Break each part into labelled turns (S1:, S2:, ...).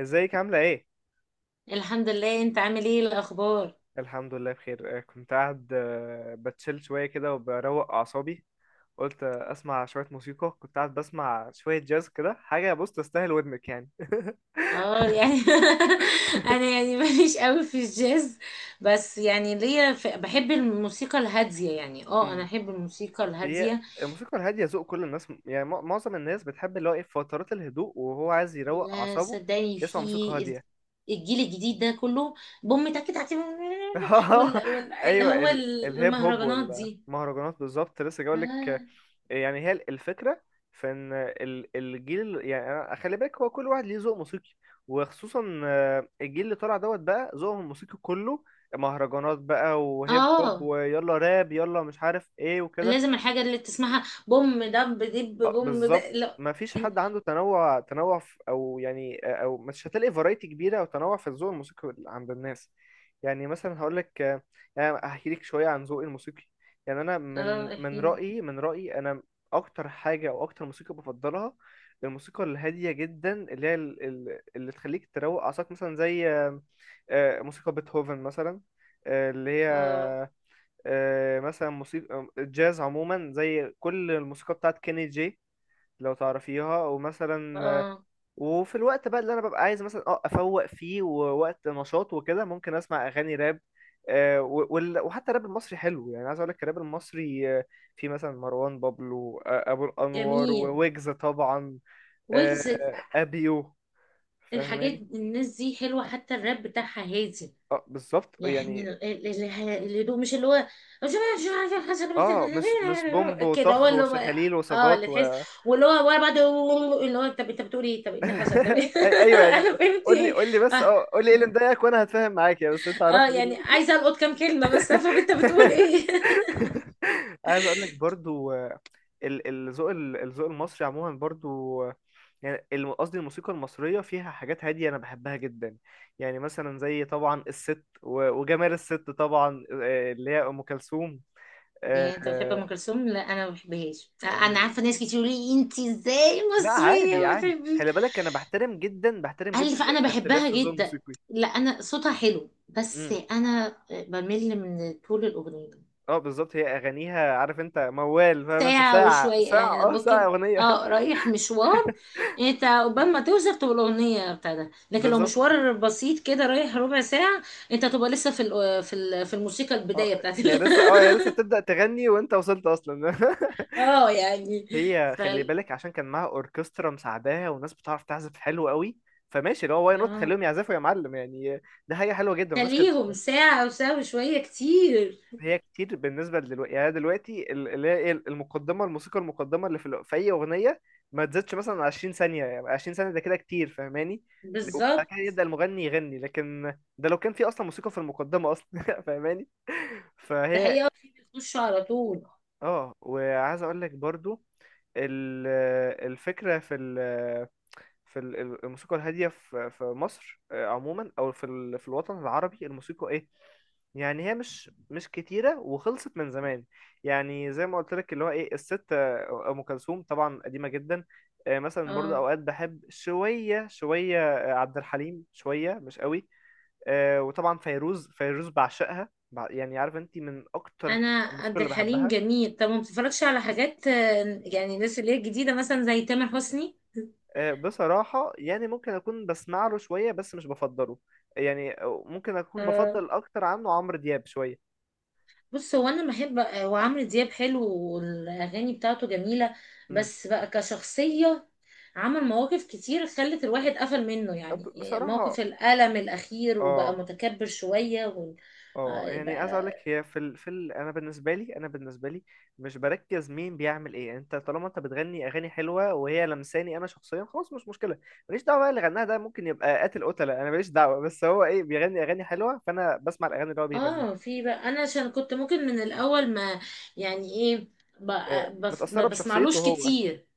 S1: ازيك عاملة ايه؟
S2: الحمد لله، انت عامل ايه الاخبار؟
S1: الحمد لله بخير كنت قاعد بتشيل شوية كده وبروق أعصابي. قلت أسمع شوية موسيقى، كنت قاعد بسمع شوية جاز كده، حاجة بص تستاهل ودنك يعني.
S2: اه يعني. انا يعني ماليش قوي في الجاز. بس يعني بحب الموسيقى الهاديه يعني اه انا
S1: مم.
S2: احب الموسيقى
S1: هي
S2: الهاديه.
S1: الموسيقى الهادية ذوق كل الناس، يعني معظم الناس بتحب اللي هو ايه في فترات الهدوء وهو عايز يروق
S2: لا
S1: أعصابه،
S2: صدقني
S1: يسمع موسيقى
S2: في
S1: هادية.
S2: الجيل الجديد ده كله بوم تك تك اللي
S1: ايوه
S2: هو
S1: الهيب هوب
S2: المهرجانات دي.
S1: والمهرجانات، بالظبط لسه جاي
S2: اه
S1: لك. يعني هي الفكره في ان الجيل، يعني خلي بالك، هو كل واحد ليه ذوق موسيقي. وخصوصا الجيل اللي طالع دوت بقى، ذوقهم الموسيقي كله مهرجانات بقى وهيب هوب
S2: اه
S1: ويلا راب يلا مش عارف ايه وكده.
S2: لازم الحاجه اللي تسمعها بوم دب دب
S1: اه
S2: بوم ده،
S1: بالظبط،
S2: لا.
S1: ما فيش حد عنده تنوع في او يعني، او مش هتلاقي فرايتي كبيره او تنوع في الذوق الموسيقي عند الناس. يعني مثلا هقول لك، يعني هحكي لك شويه عن ذوقي الموسيقي. يعني انا من
S2: اه
S1: من
S2: احكيلي.
S1: رايي انا، اكتر حاجه او اكتر موسيقى بفضلها الموسيقى الهاديه جدا، اللي هي اللي تخليك تروق اعصابك، مثلا زي موسيقى بيتهوفن مثلا، آه، اللي هي
S2: اه
S1: آه، مثلا موسيقى الجاز عموما زي كل الموسيقى بتاعت كيني جي لو تعرفيها. ومثلا
S2: اه
S1: وفي الوقت بقى اللي انا ببقى عايز مثلا اه افوق فيه ووقت نشاط وكده، ممكن اسمع اغاني راب. وحتى الراب المصري حلو يعني، عايز اقول لك الراب المصري في مثلا مروان بابلو، ابو الانوار،
S2: جميل،
S1: وويجز طبعا،
S2: ويجز.
S1: ابيو.
S2: الحاجات
S1: فاهماني؟
S2: الناس دي حلوة، حتى الراب بتاعها هادي
S1: اه بالظبط يعني.
S2: يعني الهدوء، مش اللي هو
S1: اه مش بومب
S2: كده هو
S1: وطخ
S2: اللي هو.
S1: وشخاليل
S2: اه
S1: وسجات
S2: اللي
S1: و
S2: تحس، واللي هو ورا بعض، اللي هو طب انت بتقول ايه؟ طب إيه اللي حصل؟ طب إيه؟
S1: ايوه يعني.
S2: انا فهمت
S1: قول لي
S2: ايه؟
S1: قول لي بس
S2: اه
S1: اه قول لي ايه اللي مضايقك وانا هتفاهم معاك، يا بس انت
S2: اه
S1: عرفني إيه
S2: يعني عايزه القط كام كلمه بس افهم انت
S1: اللي.
S2: بتقول ايه.
S1: عايز اقول لك برضو الذوق المصري عموما برضو، يعني قصدي الموسيقى المصرية فيها حاجات هادية أنا بحبها جدا. يعني مثلا زي طبعا الست، وجمال الست طبعا، اللي هي أم كلثوم. آه،
S2: يعني انت بتحب
S1: آه،
S2: ام كلثوم؟ لا انا ما بحبهاش، انا
S1: يعني
S2: عارفه ناس كتير يقولوا لي انت ازاي
S1: لا
S2: مصريه
S1: عادي
S2: ما
S1: عادي،
S2: بتحبيش.
S1: خلي بالك، أنا بحترم جدا بحترم
S2: قال
S1: جدا
S2: لي فانا
S1: الاختلاف
S2: بحبها
S1: في الذوق
S2: جدا!
S1: الموسيقي.
S2: لا انا صوتها حلو بس
S1: امم.
S2: انا بمل من طول الاغنيه.
S1: اه بالظبط، هي أغانيها عارف أنت، موال فاهم أنت،
S2: ساعه
S1: ساعة
S2: وشويه
S1: ساعة
S2: يعني، انا
S1: اه ساعة
S2: ممكن
S1: أغنية.
S2: اه رايح مشوار، انت قبل ما توصل تبقى الاغنيه بتاعتها، لكن لو
S1: بالظبط.
S2: مشوار بسيط كده رايح ربع ساعه انت تبقى لسه في في الموسيقى
S1: اه
S2: البدايه
S1: هي لسه، اه هي لسه بتبدأ تغني وانت وصلت اصلا.
S2: اه يعني.
S1: هي
S2: ف
S1: خلي بالك عشان كان معاها اوركسترا مساعداها وناس بتعرف تعزف حلو قوي، فماشي اللي هو واي نوت
S2: اه،
S1: خليهم يعزفوا يا معلم يعني. ده حاجه حلوه جدا والناس كانت.
S2: خليهم ساعه او ساعه وشويه كتير.
S1: هي كتير بالنسبه لدلوقتي، يعني دلوقتي اللي هي ايه، المقدمه الموسيقى المقدمه اللي في, في اي اغنيه ما تزيدش مثلا 20 ثانيه، يعني 20 ثانيه ده كده كتير، فاهماني؟ وبعد كده
S2: بالظبط،
S1: يبدأ المغني يغني، لكن ده لو كان في اصلا موسيقى في المقدمه اصلا. فاهماني؟
S2: ده
S1: فهي.
S2: حقيقه في بيخشوا على طول.
S1: اه وعايز اقول لك برضو ال- الفكرة في الموسيقى الهادية في مصر عموما، او في في الوطن العربي الموسيقى ايه. يعني هي مش كتيرة وخلصت من زمان. يعني زي ما قلت لك اللي هو ايه الست، ام كلثوم طبعا قديمة جدا. مثلا برضو
S2: اه،
S1: اوقات بحب شوية عبد الحليم، شوية مش قوي. وطبعا فيروز، بعشقها. يعني عارف انت، من اكتر
S2: انا
S1: الموسيقى
S2: عبد
S1: اللي
S2: الحليم
S1: بحبها
S2: جميل. طب ما بتتفرجش على حاجات، يعني الناس اللي هي الجديده مثلا زي تامر حسني؟
S1: بصراحة، يعني ممكن أكون بسمع له شوية بس مش بفضله. يعني ممكن أكون
S2: آه،
S1: بفضل أكتر عنه عمرو دياب شوية.
S2: بص، هو انا بحب، وعمرو دياب حلو والاغاني بتاعته جميله،
S1: مم.
S2: بس بقى كشخصيه عمل مواقف كتير خلت الواحد قفل منه يعني. موقف
S1: بصراحة.
S2: الألم الأخير، وبقى
S1: اه
S2: متكبر شوية
S1: اه، يعني عايز أقول لك،
S2: بقى.
S1: هي في أنا بالنسبة لي مش بركز مين بيعمل إيه، يعني أنت طالما أنت بتغني أغاني حلوة وهي لمساني أنا شخصيا، خلاص مش مشكلة. ماليش دعوة بقى اللي غناها ده ممكن يبقى قاتل قتلة، أنا ماليش دعوة، بس هو إيه، بيغني أغاني حلوة فأنا بسمع الأغاني اللي هو بيغنيها.
S2: اه، في بقى انا عشان كنت ممكن من الأول ما يعني ايه، بقى ما
S1: متأثرة بشخصيته
S2: بسمعلوش
S1: هو.
S2: كتير.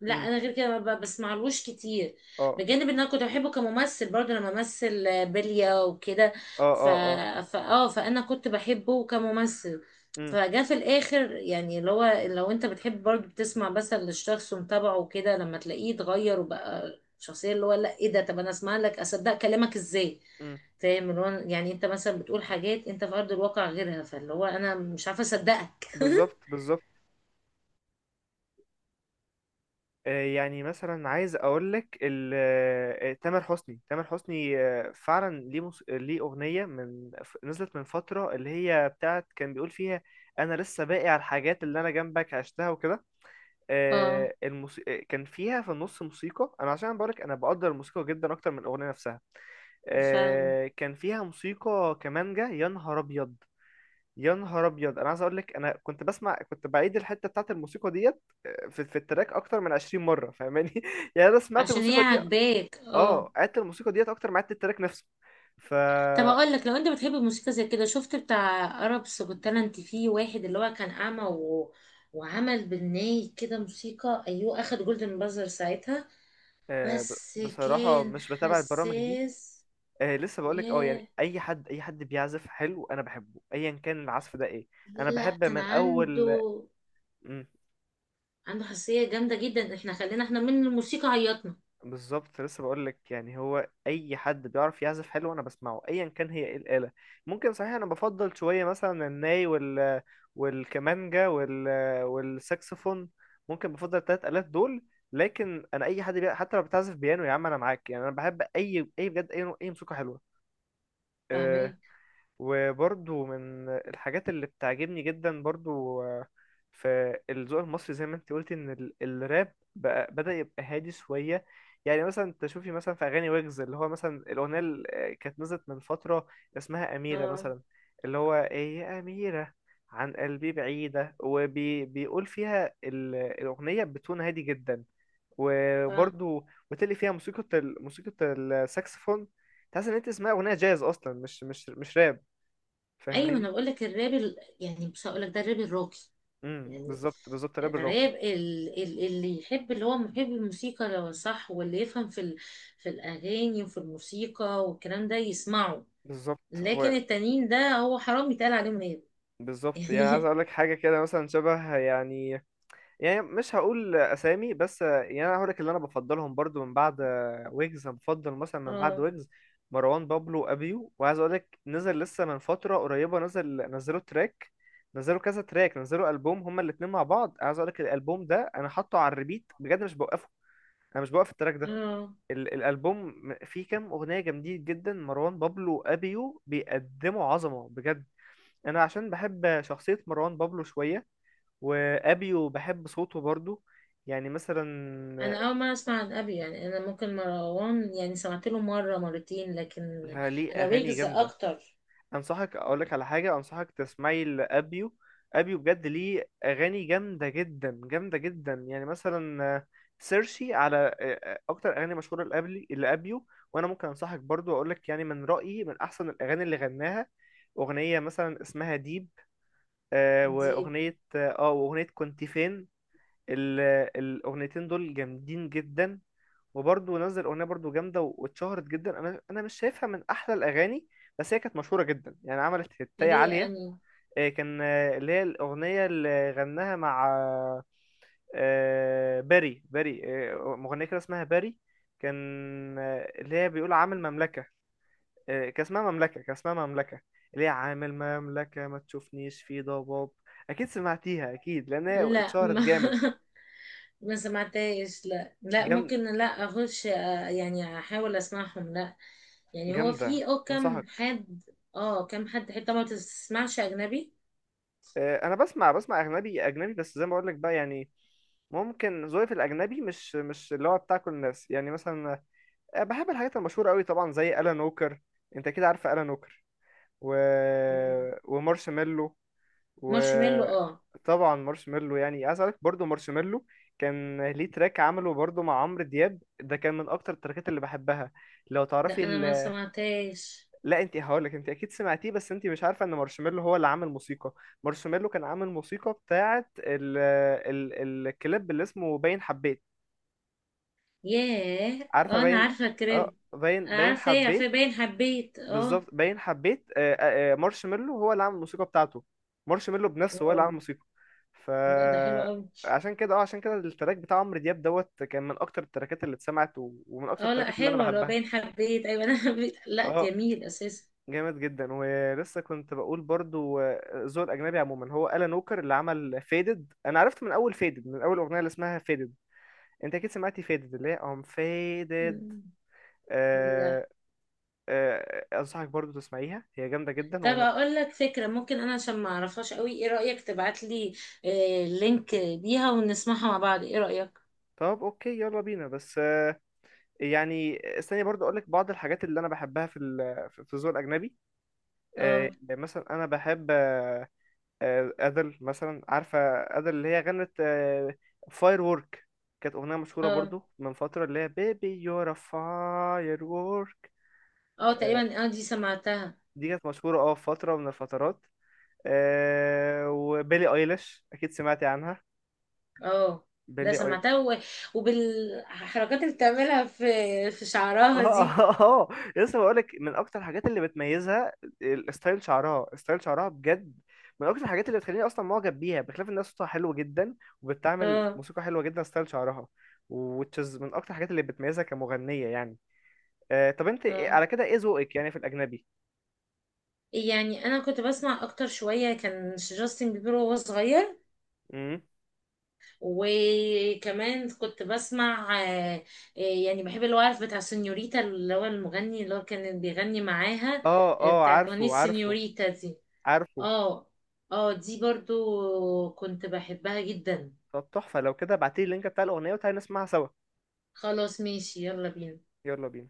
S2: لا
S1: مم.
S2: انا غير كده ما بسمعلوش كتير.
S1: اه
S2: بجانب ان انا كنت بحبه كممثل، برضه انا بمثل، بلية وكده.
S1: اه
S2: ف...
S1: اه. اه.
S2: فا اه فانا كنت بحبه كممثل،
S1: مم.
S2: فجاء في الاخر يعني اللي هو لو انت بتحب برضه، بتسمع بس للشخص ومتابعه وكده، لما تلاقيه اتغير وبقى شخصية اللي هو لا ايه ده، طب انا اسمع لك اصدق كلامك ازاي؟
S1: مم.
S2: فاهم اللي هو يعني انت مثلا بتقول حاجات انت في ارض الواقع غيرها، فاللي هو انا مش عارفه اصدقك.
S1: بالظبط بالظبط. يعني مثلا عايز اقول لك تامر حسني فعلا ليه ليه اغنيه نزلت من فتره اللي هي بتاعت كان بيقول فيها: انا لسه باقي على الحاجات اللي انا جنبك عشتها وكده.
S2: اه
S1: آه، الموس... آه، كان فيها في النص موسيقى، انا عشان بقول لك انا بقدر الموسيقى جدا اكتر من الاغنيه نفسها.
S2: فاهم،
S1: كان فيها موسيقى كمانجا يا نهار ابيض، يا نهار ابيض انا عايز اقول لك، انا كنت بسمع، كنت بعيد الحته بتاعت الموسيقى ديت في التراك اكتر من 20 مره، فاهماني؟ يعني انا سمعت
S2: عشان هي
S1: الموسيقى دي،
S2: عاجباك
S1: اه
S2: اه.
S1: قعدت الموسيقى ديت اكتر ما قعدت التراك نفسه. ف.
S2: طب اقول لك، لو انت بتحب الموسيقى زي كده، شفت بتاع عرب كنت انت فيه واحد اللي هو كان اعمى وعمل بالناي كده موسيقى، ايوه اخد جولدن بازر ساعتها. بس
S1: بصراحه
S2: كان
S1: مش بتابع البرامج دي.
S2: حساس.
S1: لسه بقول لك، اه يعني
S2: ياه،
S1: اي حد بيعزف حلو انا بحبه ايا كان العزف ده ايه. انا
S2: لا
S1: بحب
S2: كان
S1: من اول.
S2: عنده، عنده حساسية جامدة جدا، احنا خلينا احنا من الموسيقى عيطنا.
S1: بالظبط، لسه بقول لك يعني هو اي حد بيعرف يعزف حلو انا بسمعه ايا كان هي ايه الاله. ممكن صحيح انا بفضل شويه مثلا الناي، وال، والكمانجا، وال، والساكسفون. ممكن بفضل التلات الات دول. لكن انا اي حد حتى لو بتعزف بيانو يا عم انا معاك يعني. انا بحب اي بجد اي اي موسيقى حلوه. آه،
S2: فاهمين.
S1: وبرضو من الحاجات اللي بتعجبني جدا برضو في الذوق المصري، زي ما انت قلت ان الراب بقى بدأ يبقى هادي شوية. يعني مثلا تشوفي مثلا في اغاني ويجز، اللي هو مثلا الاغنية اللي كانت نزلت من فترة اسمها أميرة
S2: اه.
S1: مثلا. اللي هو ايه، يا أميرة عن قلبي بعيدة، وبيقول فيها الأغنية بتون هادي جدا.
S2: ف...
S1: وبرضو وتلي فيها موسيقى موسيقى الساكسفون، تحس ان انت تسمعي أغنية جاز اصلا، مش راب.
S2: ايوه انا
S1: فاهماني؟
S2: بقول لك، الراب يعني مش هقول لك ده الراب الراقي، يعني
S1: بالظبط بالظبط، راب الراقي.
S2: الراب اللي يحب، اللي هو محب الموسيقى لو صح، واللي يفهم في في الأغاني وفي الموسيقى والكلام ده يسمعه،
S1: بالظبط
S2: لكن
S1: و-
S2: التانيين ده هو حرام يتقال عليهم راب.
S1: بالظبط يعني عايز
S2: يعني
S1: اقول لك حاجه كده مثلا شبه يعني. يعني مش هقول اسامي، بس يعني انا هقول لك اللي انا بفضلهم برضو من بعد ويجز. أنا بفضل مثلا من بعد
S2: اه.
S1: ويجز مروان بابلو ابيو. وعايز اقول لك نزل لسه من فتره قريبه، نزل نزلوا تراك، نزلوا كذا تراك، نزلوا البوم هما الاتنين مع بعض. عايز اقول لك الالبوم ده انا حاطه على الريبيت بجد مش بوقفه، انا مش بوقف التراك ده.
S2: اه
S1: الالبوم فيه كام اغنيه جامدين جدا، مروان بابلو وابيو بيقدموا عظمه بجد. انا عشان بحب شخصيه مروان بابلو شويه، وابيو بحب صوته برضو. يعني مثلا
S2: انا اول مره اسمع عن ابي يعني، انا ممكن مروان يعني سمعت له مره مرتين، لكن
S1: ليه
S2: انا
S1: اغاني
S2: ويجز
S1: جامده.
S2: اكتر.
S1: انصحك اقول لك على حاجه، انصحك تسمعي لابيو. ابيو بجد ليه اغاني جامده جدا، يعني مثلا سيرشي على اكتر اغاني مشهوره لابلي لابيو. وانا ممكن انصحك برضو اقول لك، يعني من رايي من احسن الاغاني اللي غناها اغنيه مثلا اسمها ديب،
S2: دي
S1: واغنيه اه واغنيه كنت فين. ال- الاغنيتين دول جامدين جدا. وبرضه نزل اغنيه برضه جامده واتشهرت جدا. انا مش شايفها من احلى الاغاني، بس هي كانت مشهوره جدا يعني عملت هتايه
S2: ليه
S1: عاليه.
S2: اني
S1: آه، كان آه، اللي هي الاغنيه اللي غناها مع باري. باري مغنيه كده اسمها باري، كان اللي هي بيقول عامل مملكه. كان اسمها مملكه، كان اسمها مملكه، اللي هي عامل مملكه ما تشوفنيش في ضباب. اكيد سمعتيها اكيد، لان هي
S2: لا
S1: اتشهرت
S2: ما
S1: جامد.
S2: ما سمعتهاش، لا لا ممكن، لا اخش يعني احاول اسمعهم. لا يعني هو
S1: جامدة
S2: في او كم
S1: انصحك.
S2: حد؟ اه كم حد حتى ما تسمعش اجنبي؟
S1: انا بسمع اجنبي. اجنبي بس زي ما بقول لك بقى يعني، ممكن ذوقي في الاجنبي مش اللي هو بتاع كل الناس. يعني مثلا بحب الحاجات المشهورة قوي طبعا زي الان ووكر، انت كده عارف الان ووكر و
S2: مم.
S1: ومارشميلو.
S2: مارشميلو، اه.
S1: وطبعا مارشميلو، يعني عايز اقولك برضه مارشميلو كان ليه تراك عمله برضه مع عمرو دياب، ده كان من اكتر التراكات اللي بحبها لو تعرفي.
S2: لا انا ما سمعتهاش.
S1: لا انت هقولك انت اكيد سمعتيه بس انت مش عارفه ان مارشميلو هو اللي عامل موسيقى. مارشميلو كان عامل موسيقى بتاعه ال ال الكليب اللي اسمه باين حبيت.
S2: ياه
S1: عارفه
S2: اه، انا
S1: باين؟
S2: عارفه
S1: اه
S2: كريب.
S1: باين،
S2: انا
S1: باين
S2: عارفه، ايه، عارفه
S1: حبيت.
S2: باين حبيت
S1: بالظبط
S2: اه.
S1: باين حبيت مارشميلو هو اللي عامل الموسيقى بتاعته، مارشميلو بنفسه هو اللي
S2: واو!
S1: عامل موسيقى. ف.
S2: لا ده حلو قوي.
S1: عشان كده اه عشان كده التراك بتاع عمرو دياب دوت كان من اكتر التراكات اللي اتسمعت ومن اكتر
S2: اه لا
S1: التراكات اللي انا
S2: حلوه، لو
S1: بحبها.
S2: باين حبيت ايوه انا حبيت، لا
S1: اه
S2: جميل اساسا.
S1: جامد جدا. ولسه كنت بقول برضو الذوق الاجنبي عموما، هو ألان ووكر اللي عمل فيدد، انا عرفت من اول فيدد من اول اغنيه اللي اسمها فيدد. انت اكيد سمعتي فيدد اللي هي ام فيدد.
S2: مم. لا.
S1: أه. أه انصحك برضو تسمعيها، هي جامده جدا
S2: طب
S1: ومن...
S2: اقول لك فكرة، ممكن انا عشان ما اعرفهاش قوي، ايه رأيك تبعت لي لينك ليها ونسمعها مع بعض، ايه رأيك؟
S1: طب اوكي، يلا بينا. بس يعني استني برضو اقول لك بعض الحاجات اللي انا بحبها في في الذوق الاجنبي.
S2: اه
S1: مثلا انا بحب أدل مثلا عارفة؟ أدل اللي هي غنت فاير وورك، كانت أغنية مشهورة
S2: اه
S1: برضو من فترة، اللي هي بيبي يور فاير وورك.
S2: اه تقريبا، اه دي سمعتها.
S1: دي كانت مشهورة اه في فترة من الفترات. وبيلي ايليش أكيد سمعتي عنها.
S2: اه ده
S1: بيلي.
S2: سمعتها وبالحركات اللي بتعملها في شعرها
S1: اه
S2: دي.
S1: اه اه. لسه بقولك، من اكتر الحاجات اللي بتميزها ستايل شعرها بجد، من اكتر الحاجات اللي بتخليني اصلا معجب بيها، بخلاف انها صوتها حلو جدا وبتعمل
S2: اه
S1: موسيقى حلوه جدا. ستايل شعرها وتشز من اكتر الحاجات اللي بتميزها كمغنيه يعني. آه طب انت
S2: اه
S1: على كده ايه ذوقك يعني في الاجنبي؟
S2: يعني انا كنت بسمع اكتر شوية، كان جاستن بيبر وهو صغير،
S1: امم.
S2: وكمان كنت بسمع، يعني بحب الوقف بتاع سينيوريتا، اللي هو المغني اللي هو كان بيغني معاها،
S1: اه اه.
S2: بتاعت أغنية
S1: عارفه عارفه
S2: سينيوريتا دي.
S1: عارفه.
S2: اه اه دي برضو كنت بحبها جدا.
S1: طب تحفه، لو كده ابعتيلي اللينك بتاع الاغنيه وتعالي نسمعها سوا.
S2: خلاص ماشي، يلا بينا.
S1: يلا بينا.